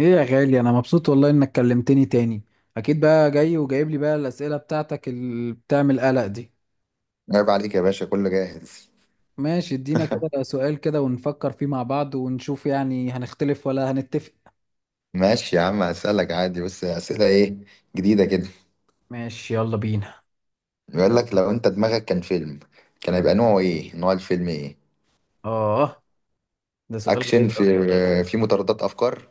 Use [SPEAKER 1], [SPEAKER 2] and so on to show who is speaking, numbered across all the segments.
[SPEAKER 1] ايه يا غالي، انا مبسوط والله انك كلمتني تاني. اكيد بقى جاي وجايب لي بقى الاسئله بتاعتك اللي بتعمل قلق دي.
[SPEAKER 2] عيب عليك يا باشا، كله جاهز.
[SPEAKER 1] ماشي، ادينا كده سؤال كده ونفكر فيه مع بعض ونشوف يعني هنختلف ولا هنتفق؟
[SPEAKER 2] ماشي يا عم، هسألك عادي بس أسئلة إيه؟ جديدة كده.
[SPEAKER 1] ماشي، يلا بينا.
[SPEAKER 2] بيقول لك لو أنت دماغك كان فيلم، كان هيبقى نوعه إيه؟ نوع الفيلم إيه؟
[SPEAKER 1] اه، ده سؤال
[SPEAKER 2] أكشن،
[SPEAKER 1] غريب.
[SPEAKER 2] في مطاردات أفكار.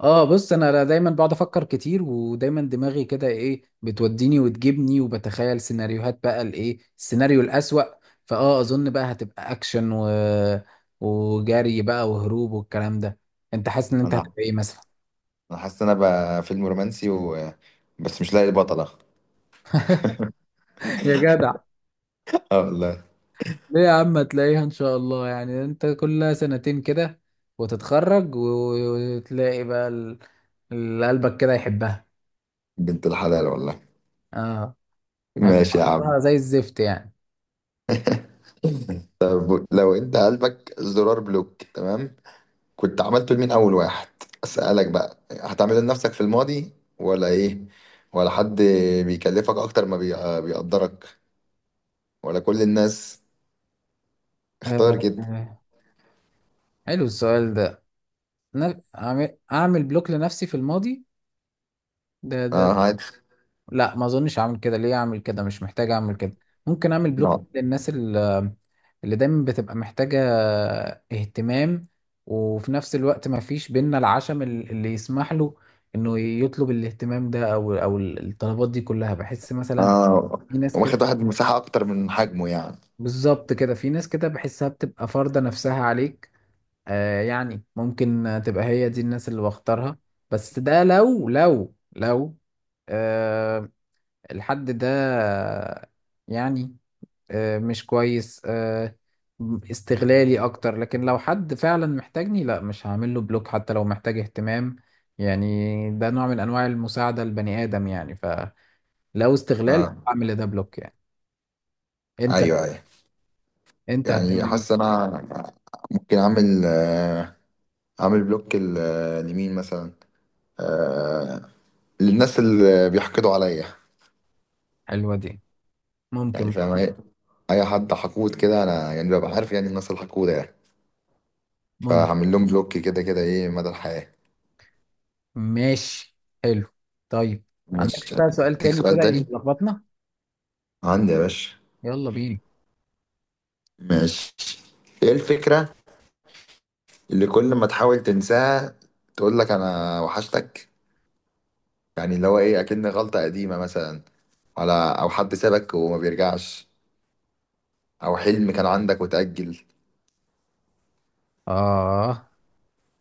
[SPEAKER 1] اه، بص انا دايما بقعد افكر كتير، ودايما دماغي كده ايه، بتوديني وتجيبني وبتخيل سيناريوهات بقى، الايه السيناريو الاسوأ. اظن بقى هتبقى اكشن و... وجري بقى، وهروب والكلام ده. انت حاسس ان انت
[SPEAKER 2] أنا
[SPEAKER 1] هتبقى ايه مثلا؟
[SPEAKER 2] أنا حاسس إن أنا بقى فيلم رومانسي بس مش لاقي البطلة.
[SPEAKER 1] يا جدع.
[SPEAKER 2] آه والله.
[SPEAKER 1] ليه يا عم، هتلاقيها ان شاء الله، يعني انت كلها سنتين كده وتتخرج و- وتلاقي بقى اللي قلبك كده يحبها.
[SPEAKER 2] بنت الحلال والله.
[SPEAKER 1] اه.
[SPEAKER 2] ماشي
[SPEAKER 1] هيبقى
[SPEAKER 2] يا عم.
[SPEAKER 1] طعمها زي الزفت يعني.
[SPEAKER 2] طب لو أنت قلبك زرار بلوك، تمام؟ كنت عملته لمين اول واحد؟ اسالك بقى، هتعمله لنفسك في الماضي ولا ايه؟ ولا حد بيكلفك اكتر ما بيقدرك؟ ولا كل الناس؟ اختار
[SPEAKER 1] آه،
[SPEAKER 2] كده.
[SPEAKER 1] آه. حلو السؤال ده. أعمل بلوك لنفسي في الماضي؟ ده؟
[SPEAKER 2] اه، عادي.
[SPEAKER 1] لا، ما أظنش أعمل كده. ليه أعمل كده؟ مش محتاج أعمل كده. ممكن أعمل بلوك
[SPEAKER 2] لا.
[SPEAKER 1] للناس اللي دايما بتبقى محتاجة اهتمام، وفي نفس الوقت ما فيش بينا العشم اللي يسمح له انه يطلب الاهتمام ده او الطلبات دي كلها، بحس مثلا
[SPEAKER 2] اه،
[SPEAKER 1] في ناس كده.
[SPEAKER 2] واخد واحد مساحه اكتر من حجمه يعني.
[SPEAKER 1] بالظبط كده، في ناس كده بحسها بتبقى فارضة نفسها عليك. آه، يعني ممكن تبقى هي دي الناس اللي بختارها. بس ده لو، آه، الحد ده يعني، مش كويس، استغلالي اكتر. لكن لو حد فعلا محتاجني، لا مش هعمل له بلوك، حتى لو محتاج اهتمام يعني، ده نوع من انواع المساعدة البني ادم يعني. فلو استغلال،
[SPEAKER 2] اه.
[SPEAKER 1] اعمل ده بلوك يعني. انت
[SPEAKER 2] ايوه، ايوه.
[SPEAKER 1] انت
[SPEAKER 2] يعني
[SPEAKER 1] هتعمل مين؟
[SPEAKER 2] حاسس انا ممكن اعمل، اعمل بلوك لمين مثلا؟ آه، للناس اللي بيحقدوا عليا.
[SPEAKER 1] حلوة دي.
[SPEAKER 2] يعني
[SPEAKER 1] ممكن
[SPEAKER 2] فاهم،
[SPEAKER 1] برضه.
[SPEAKER 2] اي اي حد حقود كده، انا يعني ببقى عارف يعني الناس الحقودة يعني،
[SPEAKER 1] ممكن.
[SPEAKER 2] فهعمل لهم بلوك كده كده، ايه، مدى الحياة.
[SPEAKER 1] ماشي. حلو. طيب. عندك
[SPEAKER 2] مش...
[SPEAKER 1] بقى سؤال
[SPEAKER 2] اديك
[SPEAKER 1] تاني كده
[SPEAKER 2] سؤال تاني.
[SPEAKER 1] يلخبطنا؟
[SPEAKER 2] عندي يا باشا.
[SPEAKER 1] يلا بينا.
[SPEAKER 2] ماشي. ايه الفكرة اللي كل ما تحاول تنساها تقول لك انا وحشتك؟ يعني اللي هو ايه، اكن غلطة قديمة مثلا، على... او حد سابك وما بيرجعش، او حلم كان عندك وتأجل.
[SPEAKER 1] آه.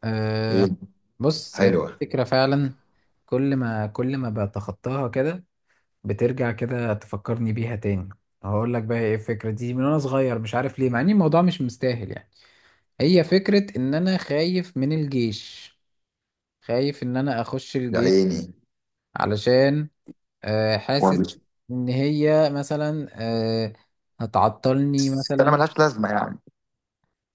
[SPEAKER 1] آه،
[SPEAKER 2] ايه؟
[SPEAKER 1] بص هي
[SPEAKER 2] حلوة.
[SPEAKER 1] الفكرة فعلا، كل ما بتخطاها كده، بترجع كده تفكرني بيها تاني. هقول لك بقى ايه الفكرة دي. من وانا صغير مش عارف ليه، مع ان الموضوع مش مستاهل يعني. هي فكرة ان انا خايف من الجيش، خايف ان انا اخش
[SPEAKER 2] يا
[SPEAKER 1] الجيش
[SPEAKER 2] عيني.
[SPEAKER 1] علشان، حاسس
[SPEAKER 2] ولا-.
[SPEAKER 1] ان هي مثلا، هتعطلني
[SPEAKER 2] بس انا
[SPEAKER 1] مثلا.
[SPEAKER 2] ملهاش لازمة يعني.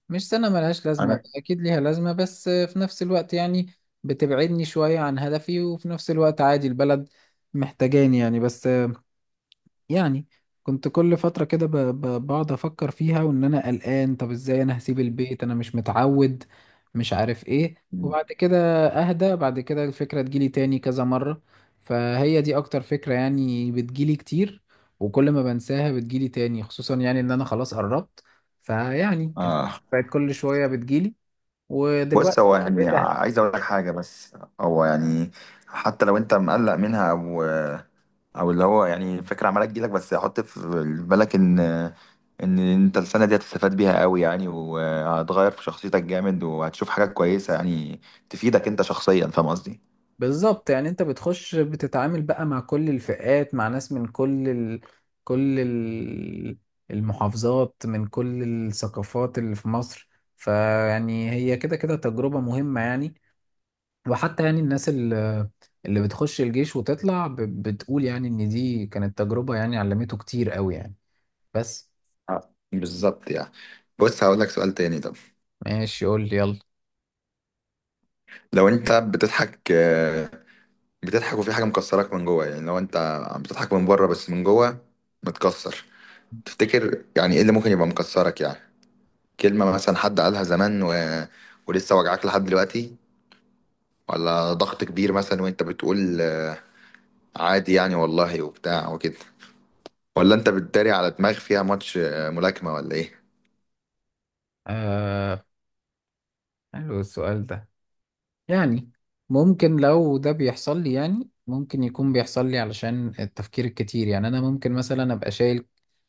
[SPEAKER 1] مش سنة ملهاش لازمة،
[SPEAKER 2] انا...
[SPEAKER 1] أكيد ليها لازمة، بس في نفس الوقت يعني بتبعدني شوية عن هدفي. وفي نفس الوقت عادي، البلد محتاجاني يعني. بس يعني كنت كل فترة كده بقعد أفكر فيها وإن أنا قلقان، طب إزاي أنا هسيب البيت؟ أنا مش متعود، مش عارف إيه. وبعد كده أهدى، بعد كده الفكرة تجيلي تاني كذا مرة. فهي دي أكتر فكرة يعني بتجيلي كتير، وكل ما بنساها بتجيلي تاني، خصوصا يعني إن أنا خلاص قربت. فيعني الفكرة
[SPEAKER 2] اه.
[SPEAKER 1] بقت كل شوية بتجيلي،
[SPEAKER 2] بص
[SPEAKER 1] ودلوقتي
[SPEAKER 2] هو يعني
[SPEAKER 1] بقيت.
[SPEAKER 2] عايز اقول لك حاجه بس. هو يعني حتى لو انت مقلق منها، او او اللي هو يعني فكره عماله تجيلك، بس حط في بالك ان ان انت السنه دي هتستفاد بيها قوي يعني، وهتغير في شخصيتك جامد، وهتشوف حاجات كويسه يعني، تفيدك انت شخصيا، فاهم قصدي؟
[SPEAKER 1] بالظبط، يعني انت بتخش بتتعامل بقى مع كل الفئات، مع ناس من كل ال... المحافظات، من كل الثقافات اللي في مصر. فيعني هي كده كده تجربة مهمة يعني. وحتى يعني الناس اللي بتخش الجيش وتطلع بتقول يعني ان دي كانت تجربة يعني علمته كتير قوي يعني. بس.
[SPEAKER 2] آه، بالظبط يعني. بص هقول لك سؤال تاني طب.
[SPEAKER 1] ماشي، قول لي يلا.
[SPEAKER 2] لو انت بتضحك، بتضحك وفي حاجه مكسراك من جوه، يعني لو انت بتضحك من بره بس من جوه متكسر، تفتكر يعني ايه اللي ممكن يبقى مكسرك يعني؟ كلمة مثلا حد قالها زمان ولسه وجعاك لحد دلوقتي؟ ولا ضغط كبير مثلا وانت بتقول عادي يعني والله وبتاع وكده؟ ولا انت بتداري على دماغ فيها ماتش ملاكمة ولا ايه؟
[SPEAKER 1] آه... حلو السؤال ده يعني. ممكن لو ده بيحصل لي، يعني ممكن يكون بيحصل لي علشان التفكير الكتير يعني. انا ممكن مثلا ابقى شايل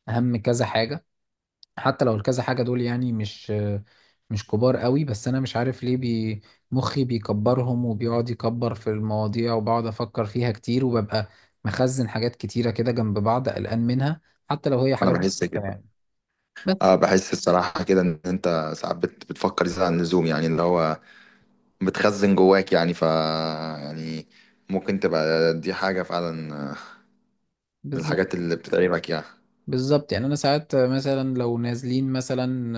[SPEAKER 1] هم كذا حاجة، حتى لو الكذا حاجة دول يعني مش كبار قوي. بس انا مش عارف ليه مخي بيكبرهم، وبيقعد يكبر في المواضيع، وبقعد افكر فيها كتير، وببقى مخزن حاجات كتيرة كده جنب بعض قلقان منها، حتى لو هي
[SPEAKER 2] انا
[SPEAKER 1] حاجات
[SPEAKER 2] بحس كده.
[SPEAKER 1] بسيطة يعني.
[SPEAKER 2] اه،
[SPEAKER 1] بس.
[SPEAKER 2] بحس الصراحة كده ان انت ساعات بتفكر زيادة عن اللزوم، يعني اللي هو بتخزن جواك يعني، ف يعني ممكن تبقى دي حاجة فعلا من
[SPEAKER 1] بالظبط،
[SPEAKER 2] الحاجات اللي بتتعبك يعني.
[SPEAKER 1] بالظبط يعني انا ساعات مثلا لو نازلين مثلا،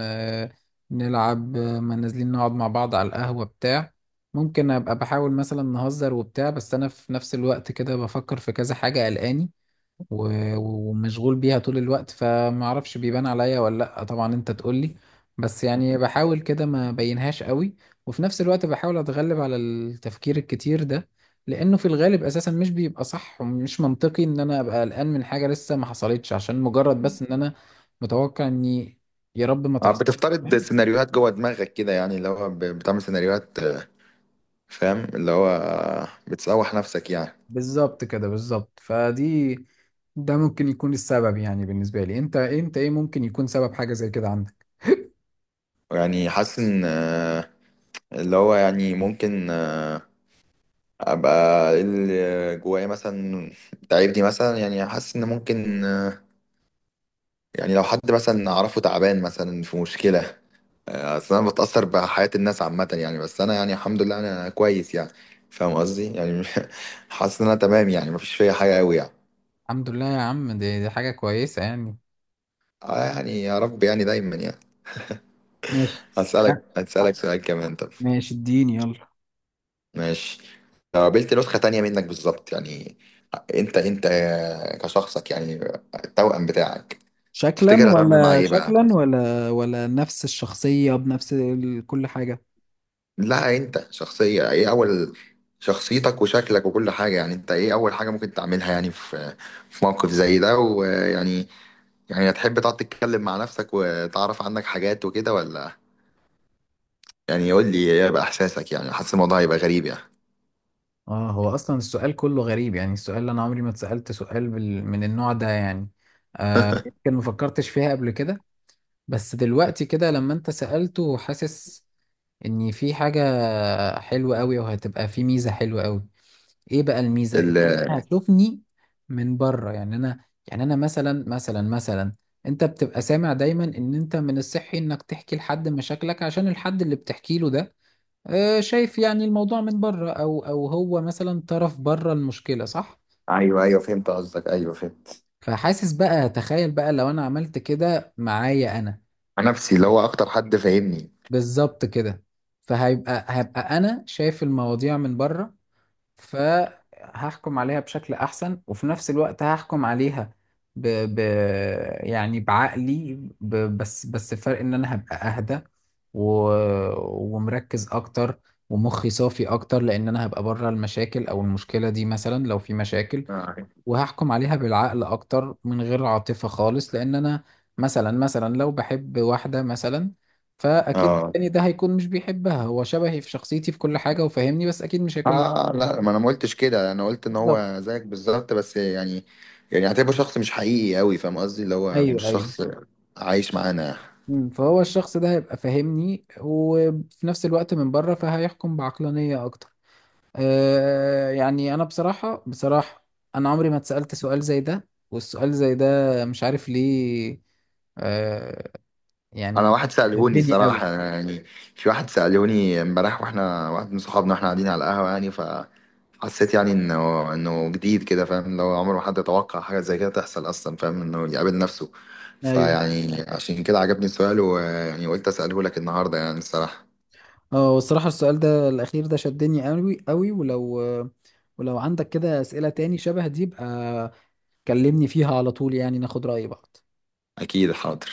[SPEAKER 1] آه، نلعب، ما نازلين نقعد مع بعض على القهوة بتاع. ممكن ابقى بحاول مثلا نهزر وبتاع، بس انا في نفس الوقت كده بفكر في كذا حاجة قلقاني و- ومشغول بيها طول الوقت، فما اعرفش بيبان عليا ولا لا، طبعا انت تقول لي. بس يعني بحاول كده ما بينهاش قوي. وفي نفس الوقت بحاول اتغلب على التفكير الكتير ده، لانه في الغالب اساسا مش بيبقى صح، ومش منطقي ان انا ابقى قلقان من حاجة لسه ما حصلتش، عشان مجرد بس ان انا متوقع اني، يا رب ما
[SPEAKER 2] اه،
[SPEAKER 1] تحصل.
[SPEAKER 2] بتفترض
[SPEAKER 1] فاهم؟
[SPEAKER 2] سيناريوهات جوه دماغك كده، يعني اللي هو بتعمل سيناريوهات. آه، فاهم؟ اللي هو آه، بتسوح نفسك يعني.
[SPEAKER 1] بالظبط كده، بالظبط، فدي ده ممكن يكون السبب يعني بالنسبة لي. انت ايه ممكن يكون سبب حاجة زي كده عندك؟
[SPEAKER 2] يعني حاسس ان آه، اللي هو يعني ممكن آه، ابقى إيه اللي جوايا مثلا تعبني مثلا؟ يعني حاسس ان ممكن آه، يعني لو حد مثلا اعرفه تعبان مثلا في مشكلة، آه، اصل انا بتأثر بحياة الناس عامة يعني، بس انا يعني الحمد لله انا كويس يعني، فاهم قصدي يعني؟ حاسس ان انا تمام يعني، مفيش فيا حاجة قوي يعني.
[SPEAKER 1] الحمد لله يا عم، دي حاجة كويسة يعني.
[SPEAKER 2] آه، يعني يا رب يعني دايما يعني.
[SPEAKER 1] ماشي.
[SPEAKER 2] هسألك
[SPEAKER 1] ها،
[SPEAKER 2] هسألك سؤال كمان طب.
[SPEAKER 1] ماشي، اديني يلا.
[SPEAKER 2] ماشي. لو قابلت نسخة تانية منك بالظبط يعني، انت انت كشخصك يعني، التوأم بتاعك،
[SPEAKER 1] شكلا،
[SPEAKER 2] تفتكر هتعمل معاه
[SPEAKER 1] ولا
[SPEAKER 2] ايه بقى؟
[SPEAKER 1] شكلا، ولا نفس الشخصية بنفس كل حاجة؟
[SPEAKER 2] لا، انت شخصية ايه اول... شخصيتك وشكلك وكل حاجة يعني. انت ايه اول حاجة ممكن تعملها يعني في في موقف زي ده ويعني، يعني هتحب تقعد تتكلم مع نفسك وتعرف عنك حاجات وكده ولا، يعني قول لي ايه بقى احساسك؟ يعني حاسس الموضوع هيبقى غريب يعني.
[SPEAKER 1] اه، هو اصلا السؤال كله غريب يعني. السؤال اللي انا عمري ما اتسألت سؤال من النوع ده يعني، آه يمكن ما فكرتش فيها قبل كده. بس دلوقتي كده لما انت سألته، حاسس ان في حاجة حلوة قوي، وهتبقى في ميزة حلوة قوي. ايه بقى الميزه؟
[SPEAKER 2] ال...
[SPEAKER 1] انها تشوفني من بره، يعني انا مثلا. انت بتبقى سامع دايما ان انت من الصحي انك تحكي لحد مشاكلك، عشان الحد اللي بتحكي له ده شايف يعني الموضوع من بره، او هو مثلا طرف بره المشكله، صح؟
[SPEAKER 2] ايوه ايوه، فهمت قصدك، ايوه فهمت.
[SPEAKER 1] فحاسس بقى، تخيل بقى لو انا عملت كده معايا انا.
[SPEAKER 2] مع نفسي، اللي هو اكتر حد فاهمني.
[SPEAKER 1] بالظبط كده. هبقى انا شايف المواضيع من بره، فهحكم عليها بشكل احسن، وفي نفس الوقت هحكم عليها ب... ب... يعني بعقلي. ب... بس بس الفرق ان انا هبقى اهدى و... ومركز اكتر، ومخي صافي اكتر، لان انا هبقى بره المشاكل، او المشكله دي مثلا لو في مشاكل.
[SPEAKER 2] اه.
[SPEAKER 1] وهحكم عليها بالعقل اكتر من غير عاطفه خالص. لان انا مثلا لو بحب واحده مثلا، فاكيد
[SPEAKER 2] اه.
[SPEAKER 1] التاني ده هيكون مش بيحبها. هو شبهي في شخصيتي في كل حاجه وفاهمني، بس اكيد مش هيكون
[SPEAKER 2] آه، لا ما انا ما قلتش كده. انا قلت ان
[SPEAKER 1] بيحبها.
[SPEAKER 2] هو زيك بالظبط بس يعني، يعني اعتبره شخص مش حقيقي قوي، فاهم قصدي؟ اللي هو مش
[SPEAKER 1] ايوه، ايوه.
[SPEAKER 2] شخص عايش معانا.
[SPEAKER 1] فهو الشخص ده هيبقى فاهمني، وفي نفس الوقت من بره فهيحكم بعقلانية اكتر. آه، يعني انا بصراحة بصراحة، انا عمري ما اتسألت سؤال زي ده. والسؤال زي ده مش عارف ليه، آه
[SPEAKER 2] انا
[SPEAKER 1] يعني
[SPEAKER 2] واحد سألهوني
[SPEAKER 1] شدني قوي.
[SPEAKER 2] الصراحة، أنا يعني... في واحد سألهوني امبارح واحنا، واحد من صحابنا، واحنا قاعدين على القهوة يعني، فحسيت يعني انه انه جديد كده، فاهم؟ اللي هو عمره ما حد يتوقع حاجة زي كده تحصل اصلا، فاهم انه يقابل نفسه.
[SPEAKER 1] ايوه.
[SPEAKER 2] فيعني عشان كده عجبني السؤال، ويعني قلت أسأله لك النهاردة يعني الصراحة.
[SPEAKER 1] اه، والصراحة السؤال ده الاخير ده شدني قوي قوي، ولو عندك كده اسئلة تاني شبه دي، يبقى كلمني فيها على طول يعني، ناخد رأي بعض.
[SPEAKER 2] أكيد حاضر.